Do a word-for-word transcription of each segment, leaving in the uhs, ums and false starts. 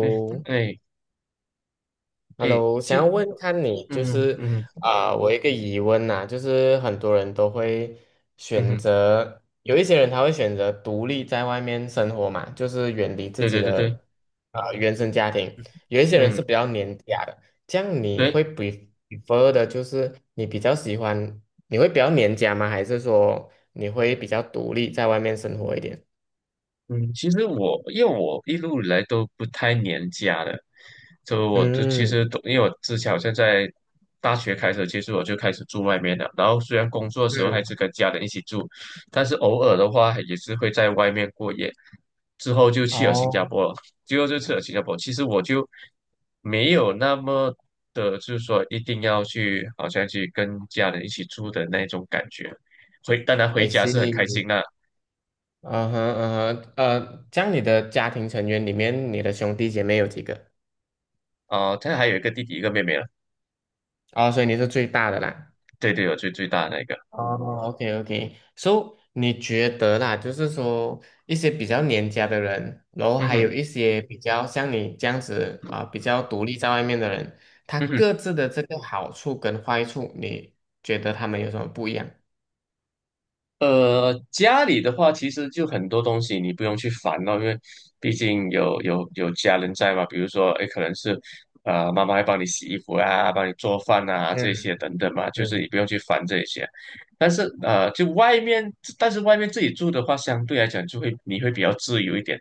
哎 哎哎，想要其问看你就嗯是嗯啊、我一个疑问呐，就是很多人都会选嗯，择，有一些人他会选择独立在外面生活嘛，就是远离自对己对对对，的啊、原生家庭，嗯有一些人是嗯，比较黏家的，这样你对。会比 r e prefer 的就是你比较喜欢，你会比较黏家吗？还是说你会比较独立在外面生活一点？嗯，其实我因为我一路以来都不太黏家的。就我就其实嗯都因为我之前好像在大学开始，其实我就开始住外面了。然后虽然工作的时候还嗯，是跟家人一起住，但是偶尔的话也是会在外面过夜。之后就去了新哦加坡了，最后就去了新加坡。其实我就没有那么的，就是说一定要去，好像去跟家人一起住的那种感觉。回当然回，I 家是很开心 see。的嗯哼嗯哼，呃，这样你的家庭成员里面，你的兄弟姐妹有几个？啊。他还有一个弟弟一个妹妹了。哦，所以你是最大的啦。对对，有最最大的那个。哦，OK OK。So，你觉得啦，就是说一些比较黏家的人，然后嗯还有哼，一些比较像你这样子啊、比较独立在外面的人，他嗯哼。各自的这个好处跟坏处，你觉得他们有什么不一样？呃，家里的话，其实就很多东西你不用去烦咯，因为毕竟有有有家人在嘛。比如说，哎，可能是呃，妈妈会帮你洗衣服啊，帮你做饭啊，嗯这些等等嘛，就是嗯你不用去烦这些。但是呃，就外面，但是外面自己住的话，相对来讲就会你会比较自由一点。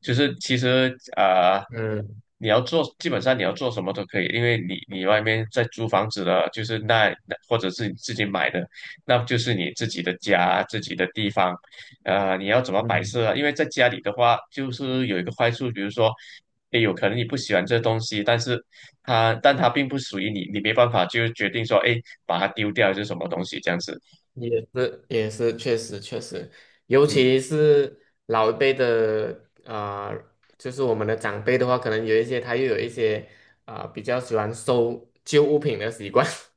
就是其实啊、呃嗯你要做基本上你要做什么都可以，因为你你外面在租房子的，就是那那或者是你自己买的。那就是你自己的家、自己的地方。呃，你要怎么摆嗯。设啊？因为在家里的话，就是有一个坏处。比如说，也有可能你不喜欢这东西，但是它，但它并不属于你，你没办法就决定说，哎，把它丢掉还是什么东西这样子。也是也是确实确实，尤嗯，其是老一辈的啊、呃就是我们的长辈的话，可能有一些他又有一些啊、呃比较喜欢收旧物品的习惯。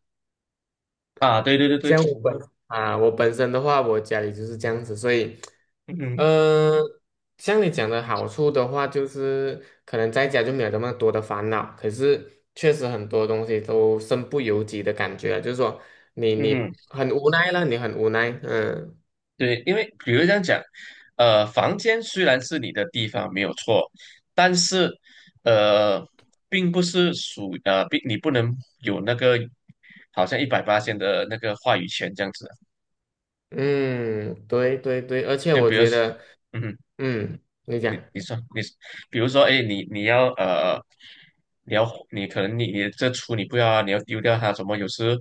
啊，对对对对。像我本啊、我本身的话，我家里就是这样子，所以嗯嗯呃，像你讲的好处的话，就是可能在家就没有那么多的烦恼，可是确实很多东西都身不由己的感觉啊就是说你嗯，你很无奈了，你很无奈，嗯。对，因为比如这样讲，呃，房间虽然是你的地方没有错，但是呃，并不是属呃，并你不能有那个好像一百八千的那个话语权这样子啊。嗯，对对对，而且就我比如觉说，得，嗯哼。嗯，你讲你你说你，比如说，哎，你你要呃，你要你可能你你这厨你不要啊，你要丢掉它。怎么有时，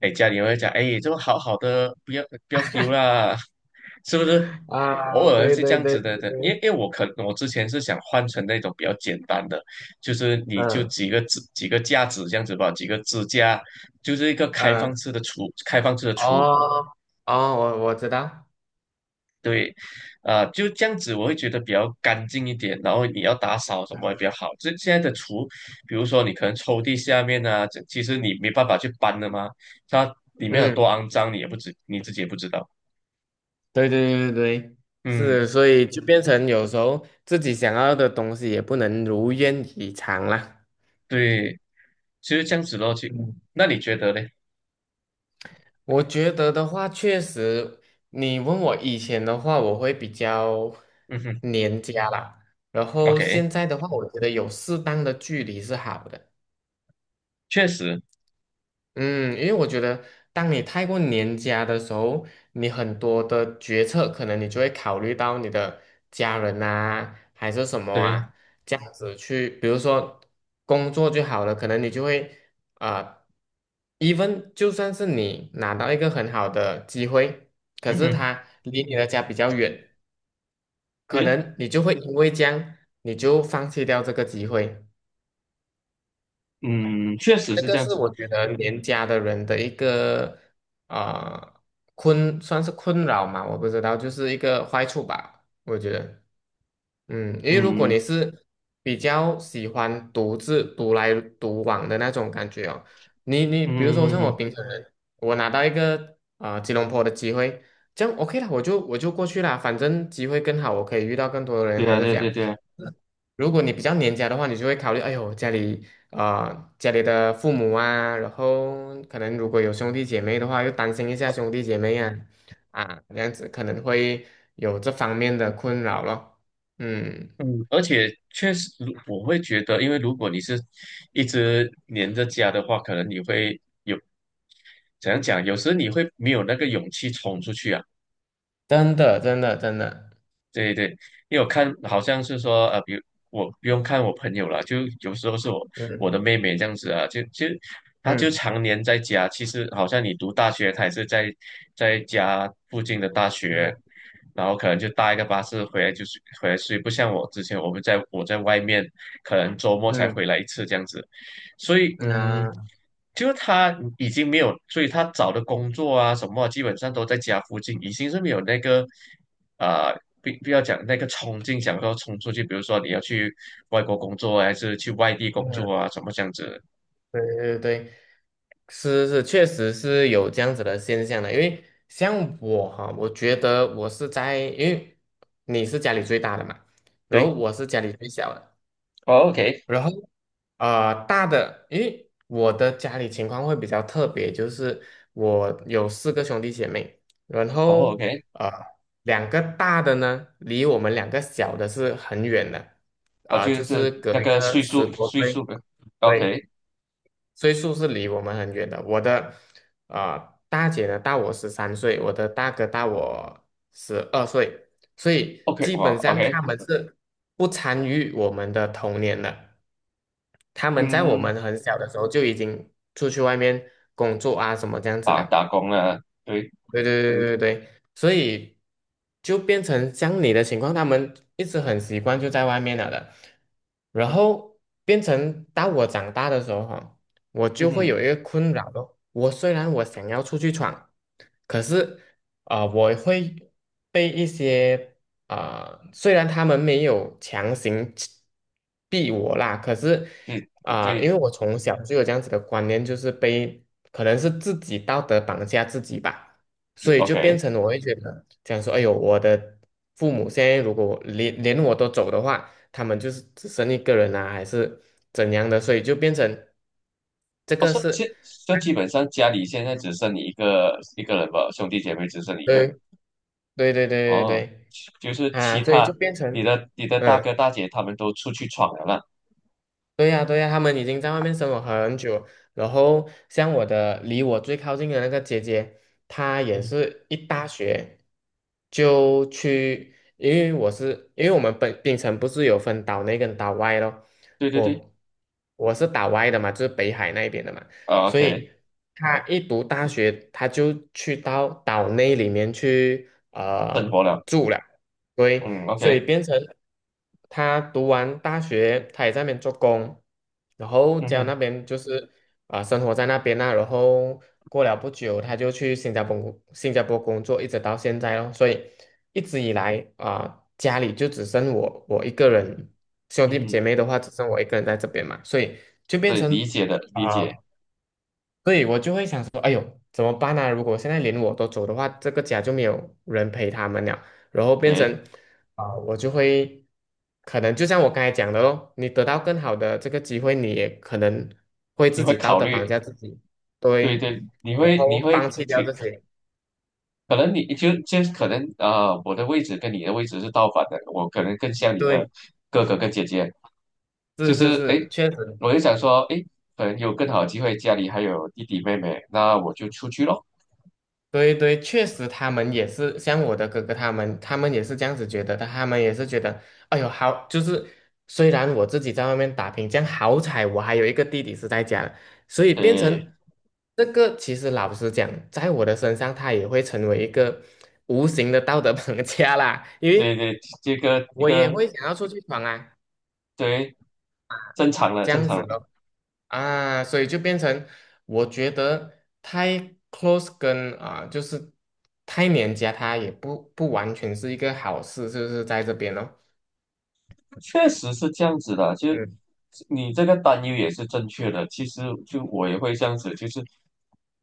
哎，家里会讲，哎，这个好好的，不要不要丢啦，是不是？啊，偶尔对是这对样对子的对的，因为对，因为我可我之前是想换成那种比较简单的，就是你就嗯几个支几个架子这样子吧，几个支架，就是一个开嗯，放式的厨，开放式的厨。哦哦，我我知道，对，啊、就这样子，我会觉得比较干净一点。然后你要打扫什么也比较好。这现在的厨，比如说你可能抽屉下面啊，这其实你没办法去搬的嘛，它里面有多嗯，肮脏，你也不知你自己也不知道。对对对对对，嗯，是，所以就变成有时候自己想要的东西也不能如愿以偿啦。对，其实这样子咯。其嗯，那你觉得嘞？我觉得的话，确实，你问我以前的话，我会比较嗯哼黏家啦，然后，OK，现在的话，我觉得有适当的距离是好的。确实，嗯，因为我觉得，当你太过年家的时候，你很多的决策可能你就会考虑到你的家人啊，还是什么对，啊，这样子去，比如说工作就好了，可能你就会啊、呃、，even 就算是你拿到一个很好的机会，可嗯是哼，它离你的家比较远，可对，能你就会因为这样，你就放弃掉这个机会。嗯，确实这是个这样是子。我觉得年家的人的一个啊、困，算是困扰嘛，我不知道，就是一个坏处吧，我觉得，嗯，因为如果嗯你嗯是比较喜欢独自独来独往的那种感觉哦，你你比如说嗯嗯，像嗯我嗯，平常人，我拿到一个啊、呃吉隆坡的机会，这样 OK 了，我就我就过去啦，反正机会更好，我可以遇到更多的人，对还啊，是这对样。对对啊。如果你比较黏家的话，你就会考虑，哎呦，家里啊、呃家里的父母啊，然后可能如果有兄弟姐妹的话，又担心一下兄弟姐妹啊，啊，这样子可能会有这方面的困扰咯。嗯，嗯，而且确实，如我会觉得，因为如果你是一直黏着家的话，可能你会有怎样讲，有时你会没有那个勇气冲出去啊。真的，真的，真的，对对，因为我看好像是说，呃，比如我不用看我朋友了，就有时候是我嗯我的妹妹这样子啊，就就她就嗯常年在家。其实好像你读大学，她也是在在家附近的大学，嗯然后可能就搭一个巴士回来就是回来睡，不像我之前我们在我在外面，可能周末才嗯回来一次这样子。所以嗯嗯，啊，就是他已经没有，所以他找的工作啊什么啊，基本上都在家附近，已经是没有那个啊、不不要讲那个冲劲，想说冲出去。比如说你要去外国工作啊还是去外地工作嗯，啊，什么这样子的。对对对。是是，确实是有这样子的现象的。因为像我哈，我觉得我是在，因为你是家里最大的嘛，然后对，我是家里最小的，哦，OK，然后呃大的，因为我的家里情况会比较特别，就是我有四个兄弟姐妹，然哦后，OK。呃两个大的呢，离我们两个小的是很远的，啊，啊、就就是是隔那一个个岁十数多岁岁。数的对，，OK，OK。岁数是离我们很远的。我的呃大姐呢大我十三岁，我的大哥大我十二岁，所以基哇本上，OK。他们是不参与我们的童年的。他们在我嗯，们很小的时候就已经出去外面工作啊什么这样子打了。打工了，对。对对对对对，所以就变成像你的情况，他们一直很习惯就在外面了的，然后变成到我长大的时候哈，我嗯就会哼，有一个困扰咯。我虽然我想要出去闯，可是啊、呃我会被一些啊、呃虽然他们没有强行逼我啦，可是对啊、因对为我从小就有这样子的观念，就是被可能是自己道德绑架自己吧。对所以就变，OK。成我会觉得，讲说，哎呦，我的父母现在如果我连连我都走的话，他们就是只剩一个人啊，还是怎样的，所以就变成这我个说是，现就基本上家里现在只剩你一个一个人吧，兄弟姐妹只剩你一个。对对对对对哦，对就是其啊，所以他就变你成，的你的大嗯。哥大姐他们都出去闯了啦。对呀，对呀，他们已经在外面生活很久，然后像我的离我最靠近的那个姐姐，她也嗯，是一大学就去，因为我是因为我们本槟城不是有分岛内跟岛外咯，对对对，我我是岛外的嘛，就是北海那边的嘛，啊所，OK，以她一读大学，她就去到岛内里面去生活呃了，住了，对，嗯所以，OK，变成他读完大学，他也在那边做工，然后嗯家哼，那边就是啊、呃生活在那边呐，然后过了不久，他就去新加坡新加坡工作，一直到现在咯。所以一直以来啊、家里就只剩我我一个人，兄嗯弟姐哼。妹的话只剩我一个人在这边嘛，所以就变对，理成。解的，理解。啊。所以我就会想说，哎呦，怎么办呢，如果现在连我都走的话，这个家就没有人陪他们了，然后变成，对，啊，我就会，可能就像我刚才讲的咯，你得到更好的这个机会，你也可能会你自会己道考德绑虑，架自己，对对，对，你然会你后会放可弃掉这些，能你就就可能啊、呃我的位置跟你的位置是倒反的，我可能更像你的对，哥哥跟姐姐。就是是是哎，是，诶确实，我就想说，哎，可能有更好的机会，家里还有弟弟妹妹，那我就出去咯。对对，确实他们也是像我的哥哥他们，他们也是这样子觉得的，他们也是觉得，哎呦，好，就是虽然我自己在外面打拼，这样好彩我还有一个弟弟是在家的，所以变对，成这个，其实老实讲，在我的身上，他也会成为一个无形的道德绑架啦，因对为对，这个一我也个会想要出去闯啊，对，正常了，这正样常子了，咯。啊，所以就变成我觉得太 close 跟啊、就是太黏家，它也不不完全是一个好事，是不是在这边哦。确实是这样子的。就嗯你这个担忧也是正确的。其实就我也会这样子，就是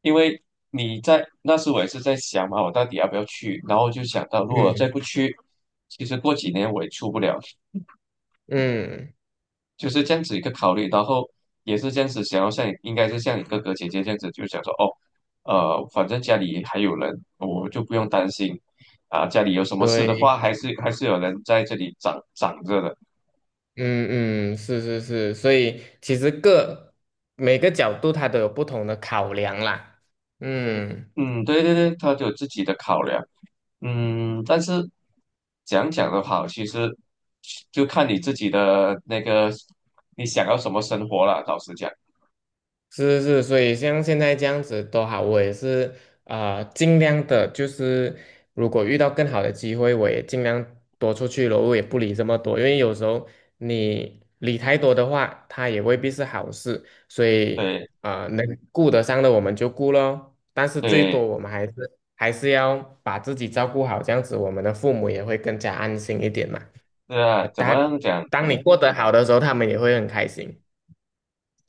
因为你在那时我也是在想嘛，我到底要不要去？然后就想到，如果再嗯不去，其实过几年我也出不了。嗯，就是这样子一个考虑。然后也是这样子想要像你应该是像你哥哥姐姐这样子，就想说哦，呃，反正家里还有人，我就不用担心啊，家里有什么事的对，话，还是还是有人在这里长长着的。嗯嗯，是是是，所以其实各每个角度它都有不同的考量啦。嗯。嗯，对对对，他有自己的考量。嗯，但是讲讲的话，其实就看你自己的那个你想要什么生活了。老实讲，是是，是，所以像现在这样子都好，我也是呃尽量的，就是如果遇到更好的机会，我也尽量多出去咯。我也不理这么多，因为有时候你理太多的话，它也未必是好事，所以对啊、呃能嗯顾得上的我们就顾咯，但是最多对，我们还嗯是还是要把自己照顾好，这样子我们的父母也会更加安心一点嘛。对啊，呃，怎么当样讲当你嗯过得好的时候，他们也会很开心。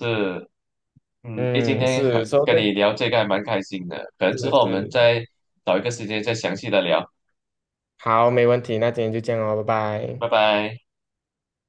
是。嗯，诶，今嗯，天还是，嗯说跟对，你聊这个还蛮开心的，可能是之后我们是，再找一个时间再详细的聊，好，没问题，那今天就这样哦，拜拜拜。拜。